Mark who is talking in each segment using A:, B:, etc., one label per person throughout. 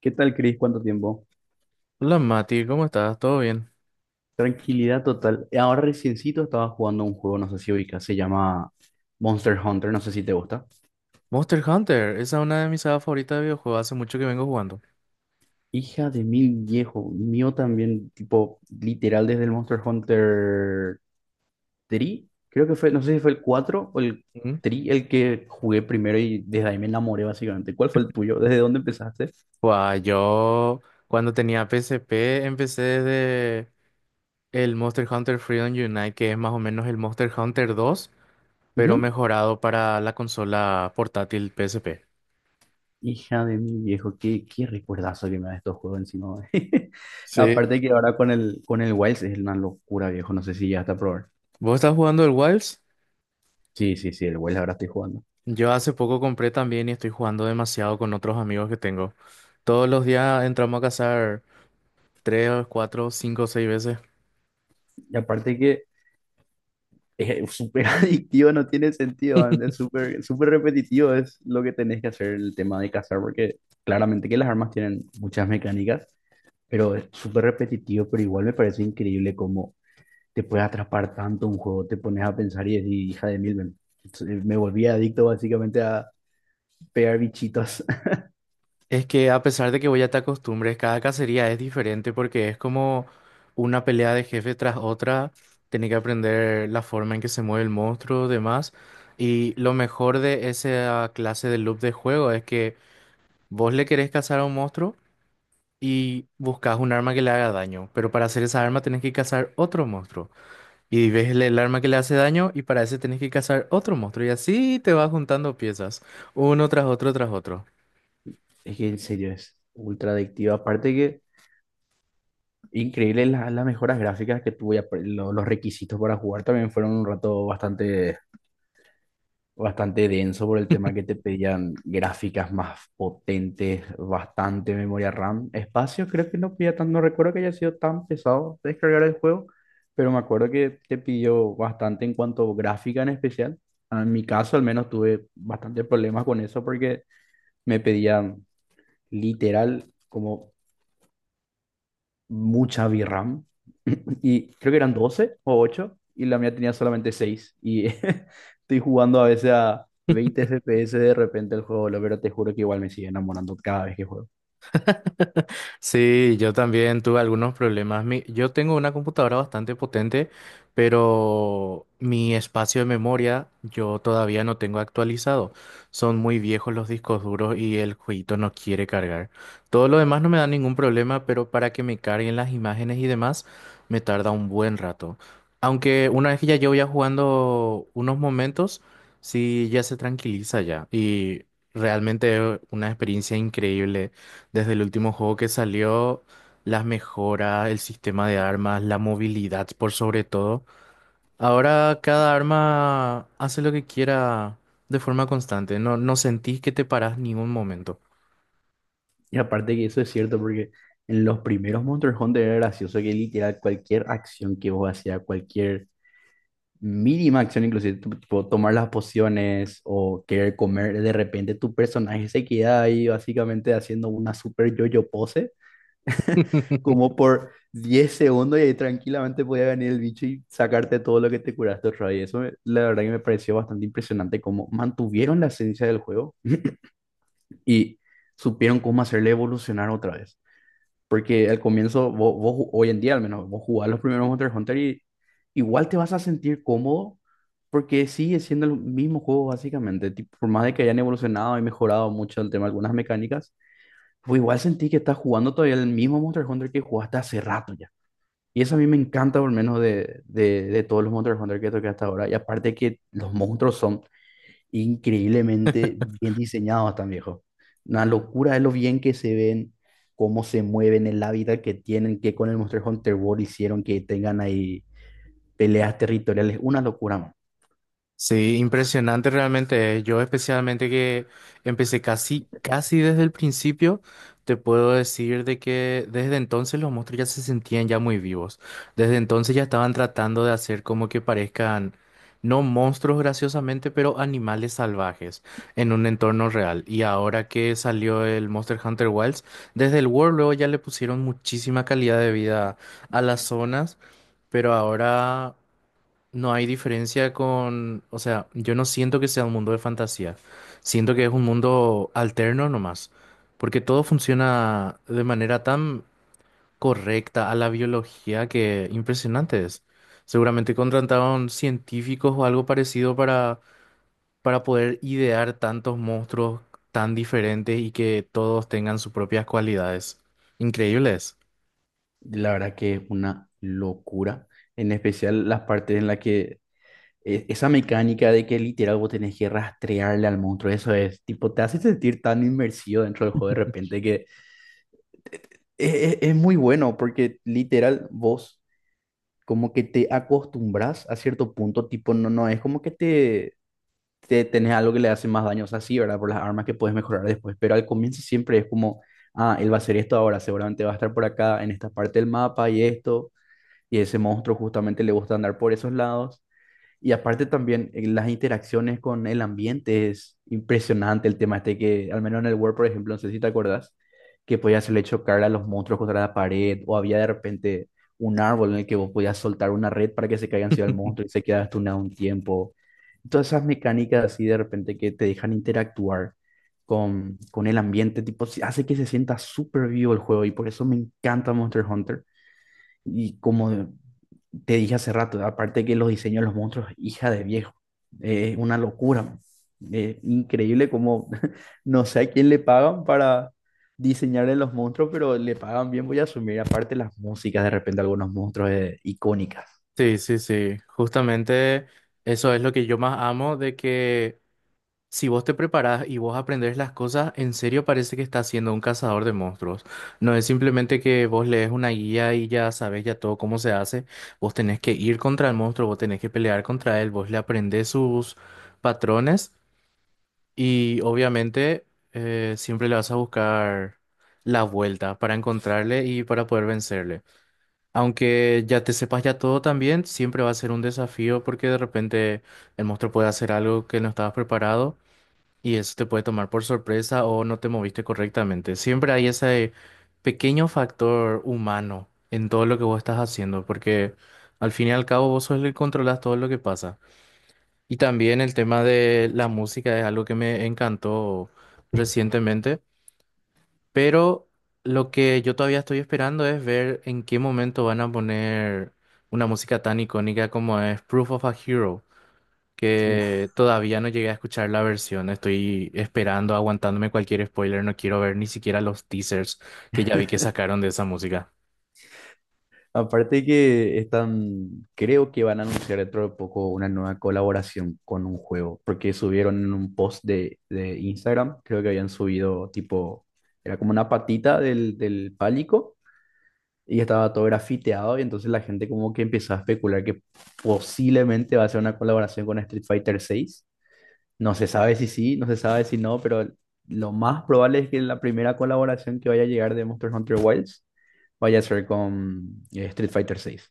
A: ¿Qué tal, Cris? ¿Cuánto tiempo?
B: Hola Mati, ¿cómo estás? ¿Todo bien?
A: Tranquilidad total. Ahora reciencito estaba jugando un juego, no sé si ubicas, se llama Monster Hunter, no sé si te gusta.
B: Monster Hunter, esa es una de mis sagas favoritas de videojuegos, hace mucho que vengo jugando.
A: Hija de mil viejo, mío también, tipo, literal desde el Monster Hunter 3, creo que fue, no sé si fue el 4 o el
B: Ujú.
A: 3 el que jugué primero, y desde ahí me enamoré básicamente. ¿Cuál fue el tuyo? ¿Desde dónde empezaste?
B: Guau, yo cuando tenía PSP empecé desde el Monster Hunter Freedom Unite, que es más o menos el Monster Hunter 2, pero mejorado para la consola portátil PSP.
A: Hija de mi viejo, qué recuerdazo que me da estos juegos encima.
B: Sí.
A: Aparte que ahora con el Wilds es una locura, viejo. No sé si ya está a probar.
B: ¿Vos estás jugando el Wilds?
A: Sí, sí, sí, el Wilds ahora estoy jugando.
B: Yo hace poco compré también y estoy jugando demasiado con otros amigos que tengo. Todos los días entramos a cazar 3, 4, 5, 6 veces.
A: Y aparte que es súper adictivo, no tiene sentido, man, es súper, súper repetitivo, es lo que tenés que hacer el tema de cazar, porque claramente que las armas tienen muchas mecánicas, pero es súper repetitivo, pero igual me parece increíble cómo te puede atrapar tanto un juego, te pones a pensar y decir, hija de mil, man". Entonces, me volví adicto básicamente a pegar bichitos.
B: Es que a pesar de que voy a te acostumbres, cada cacería es diferente porque es como una pelea de jefe tras otra. Tenés que aprender la forma en que se mueve el monstruo, demás. Y lo mejor de esa clase de loop de juego es que vos le querés cazar a un monstruo y buscas un arma que le haga daño. Pero para hacer esa arma tenés que cazar otro monstruo. Y ves el arma que le hace daño y para ese tenés que cazar otro monstruo. Y así te vas juntando piezas, uno tras otro tras otro.
A: Es que en serio es ultra adictivo. Aparte que increíble las mejoras gráficas que tuve y los requisitos para jugar también fueron un rato bastante, bastante denso por el tema que te pedían gráficas más potentes, bastante memoria RAM. Espacio creo que no pedía tan, no recuerdo que haya sido tan pesado descargar el juego, pero me acuerdo que te pidió bastante en cuanto a gráfica en especial. En mi caso al menos tuve bastante problemas con eso porque me pedían literal como mucha VRAM. Y creo que eran 12 o 8 y la mía tenía solamente 6. Y estoy jugando a veces a 20 FPS de repente el juego, boludo, pero te juro que igual me sigue enamorando cada vez que juego.
B: Sí, yo también tuve algunos problemas. Yo tengo una computadora bastante potente, pero mi espacio de memoria yo todavía no tengo actualizado. Son muy viejos los discos duros y el jueguito no quiere cargar. Todo lo demás no me da ningún problema, pero para que me carguen las imágenes y demás, me tarda un buen rato. Aunque una vez que ya yo ya jugando unos momentos, sí, ya se tranquiliza ya. Y realmente es una experiencia increíble desde el último juego que salió, las mejoras, el sistema de armas, la movilidad por sobre todo. Ahora cada arma hace lo que quiera de forma constante. No, no sentís que te parás ningún momento.
A: Y aparte que eso es cierto porque en los primeros Monster Hunter era gracioso que literal cualquier acción que vos hacías, cualquier mínima acción, inclusive tipo tomar las pociones o querer comer, de repente tu personaje se queda ahí básicamente haciendo una super yo-yo pose como por 10 segundos, y ahí tranquilamente podía venir el bicho y sacarte todo lo que te curaste otra vez. La verdad que me pareció bastante impresionante cómo mantuvieron la esencia del juego y supieron cómo hacerle evolucionar otra vez. Porque al comienzo, hoy en día al menos, vos jugás los primeros Monster Hunter y igual te vas a sentir cómodo porque sigue siendo el mismo juego básicamente. Tipo, por más de que hayan evolucionado y mejorado mucho el tema de algunas mecánicas, pues igual sentí que estás jugando todavía el mismo Monster Hunter que jugaste hace rato ya. Y eso a mí me encanta, por lo menos de todos los Monster Hunter que toqué hasta ahora. Y aparte que los monstruos son increíblemente bien diseñados, tan viejo. Una locura de lo bien que se ven, cómo se mueven, el hábitat que tienen, que con el Monster Hunter World hicieron que tengan ahí peleas territoriales. Una locura, man.
B: Sí, impresionante realmente. Yo especialmente que empecé casi, casi desde el principio, te puedo decir de que desde entonces los monstruos ya se sentían ya muy vivos. Desde entonces ya estaban tratando de hacer como que parezcan, no monstruos graciosamente, pero animales salvajes en un entorno real. Y ahora que salió el Monster Hunter Wilds, desde el World luego ya le pusieron muchísima calidad de vida a las zonas, pero ahora... No hay diferencia con, o sea, yo no siento que sea un mundo de fantasía, siento que es un mundo alterno nomás, porque todo funciona de manera tan correcta a la biología que impresionante es. Seguramente contrataron científicos o algo parecido para poder idear tantos monstruos tan diferentes y que todos tengan sus propias cualidades. Increíbles.
A: La verdad que es una locura. En especial las partes en las que esa mecánica de que literal vos tenés que rastrearle al monstruo, eso es, tipo, te hace sentir tan inmersido dentro del juego de repente que... Es muy bueno porque literal vos, como que te acostumbras a cierto punto, tipo, no, no, es como que te tenés algo que le hace más daño, o sea, sí, ¿verdad? Por las armas que puedes mejorar después, pero al comienzo siempre es como, ah, él va a hacer esto ahora, seguramente va a estar por acá, en esta parte del mapa y esto, y ese monstruo justamente le gusta andar por esos lados. Y aparte también las interacciones con el ambiente es impresionante, el tema este que, al menos en el Word, por ejemplo, no sé si te acordás, que podías hacerle chocar a los monstruos contra la pared, o había de repente un árbol en el que vos podías soltar una red para que se caiga encima del monstruo y se quedaba estunado un tiempo. Todas esas mecánicas así de repente que te dejan interactuar con el ambiente, tipo, sí, hace que se sienta súper vivo el juego y por eso me encanta Monster Hunter. Y como te dije hace rato, aparte que los diseños de los monstruos, hija de viejo, es una locura, man. Increíble como, no sé a quién le pagan para diseñarle los monstruos, pero le pagan bien, voy a asumir. Aparte las músicas, de repente algunos monstruos icónicas.
B: Sí, sí, sí. Justamente eso es lo que yo más amo de que si vos te preparás y vos aprendés las cosas, en serio parece que estás siendo un cazador de monstruos. No es simplemente que vos lees una guía y ya sabes ya todo cómo se hace. Vos tenés que ir contra el monstruo, vos tenés que pelear contra él, vos le aprendés sus patrones y obviamente siempre le vas a buscar la vuelta para encontrarle y para poder vencerle. Aunque ya te sepas ya todo también, siempre va a ser un desafío porque de repente el monstruo puede hacer algo que no estabas preparado. Y eso te puede tomar por sorpresa o no te moviste correctamente. Siempre hay ese pequeño factor humano en todo lo que vos estás haciendo, porque al fin y al cabo vos sos el que controlas todo lo que pasa. Y también el tema de la música es algo que me encantó recientemente, pero lo que yo todavía estoy esperando es ver en qué momento van a poner una música tan icónica como es Proof of a Hero,
A: Uf.
B: que todavía no llegué a escuchar la versión. Estoy esperando, aguantándome cualquier spoiler. No quiero ver ni siquiera los teasers que ya vi que sacaron de esa música.
A: Aparte que están, creo que van a anunciar dentro de poco una nueva colaboración con un juego, porque subieron en un post de Instagram, creo que habían subido tipo, era como una patita del pálico, y estaba todo grafiteado y entonces la gente como que empezó a especular que posiblemente va a ser una colaboración con Street Fighter 6. No se sabe si sí, no se sabe si no, pero lo más probable es que la primera colaboración que vaya a llegar de Monster Hunter Wilds vaya a ser con Street Fighter 6.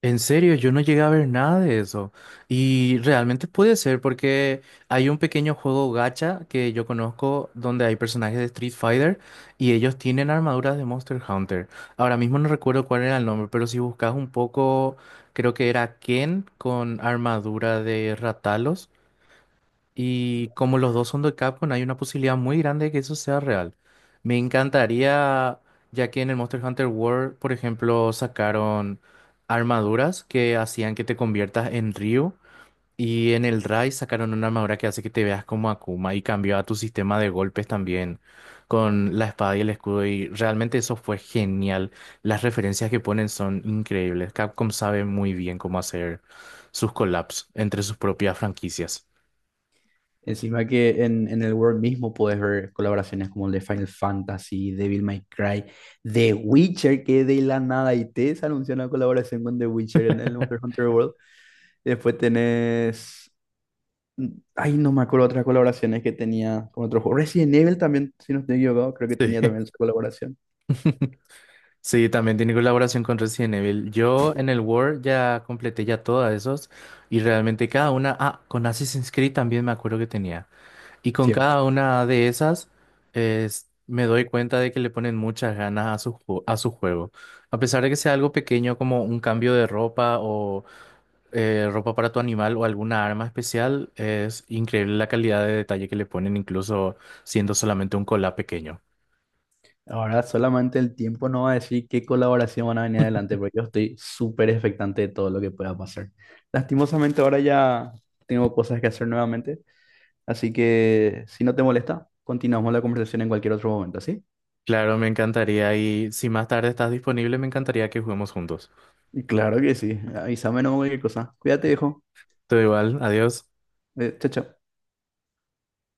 B: En serio, yo no llegué a ver nada de eso. Y realmente puede ser porque hay un pequeño juego gacha que yo conozco donde hay personajes de Street Fighter y ellos tienen armaduras de Monster Hunter. Ahora mismo no recuerdo cuál era el nombre, pero si buscas un poco, creo que era Ken con armadura de Ratalos. Y como los dos son de Capcom, hay una posibilidad muy grande de que eso sea real. Me encantaría, ya que en el Monster Hunter World, por ejemplo, sacaron armaduras que hacían que te conviertas en Ryu. Y en el Rise sacaron una armadura que hace que te veas como Akuma y cambió a tu sistema de golpes también con la espada y el escudo. Y realmente eso fue genial. Las referencias que ponen son increíbles. Capcom sabe muy bien cómo hacer sus collabs entre sus propias franquicias.
A: Encima que en el World mismo puedes ver colaboraciones como el de Final Fantasy, Devil May Cry, The Witcher, que de la nada y te se anunció una colaboración con The Witcher en el Monster Hunter World. Después tenés... Ay, no me acuerdo otras colaboraciones que tenía con otros juegos. Resident Evil también, si no estoy equivocado, creo que tenía
B: Sí.
A: también esa colaboración.
B: Sí, también tiene colaboración con Resident Evil. Yo en el World ya completé ya todas esos y realmente cada una, ah, con Assassin's Creed también me acuerdo que tenía. Y con cada
A: Cierto.
B: una de esas me doy cuenta de que le ponen muchas ganas a su juego. A pesar de que sea algo pequeño como un cambio de ropa o ropa para tu animal o alguna arma especial, es increíble la calidad de detalle que le ponen incluso siendo solamente un collab pequeño.
A: Ahora solamente el tiempo no va a decir qué colaboración van a venir adelante, porque yo estoy súper expectante de todo lo que pueda pasar. Lastimosamente ahora ya tengo cosas que hacer nuevamente, así que si no te molesta, continuamos la conversación en cualquier otro momento, ¿sí?
B: Claro, me encantaría y si más tarde estás disponible, me encantaría que juguemos juntos.
A: Y claro que sí. Avísame no cualquier cosa. Cuídate, viejo.
B: Todo igual, adiós.
A: Chao, chao.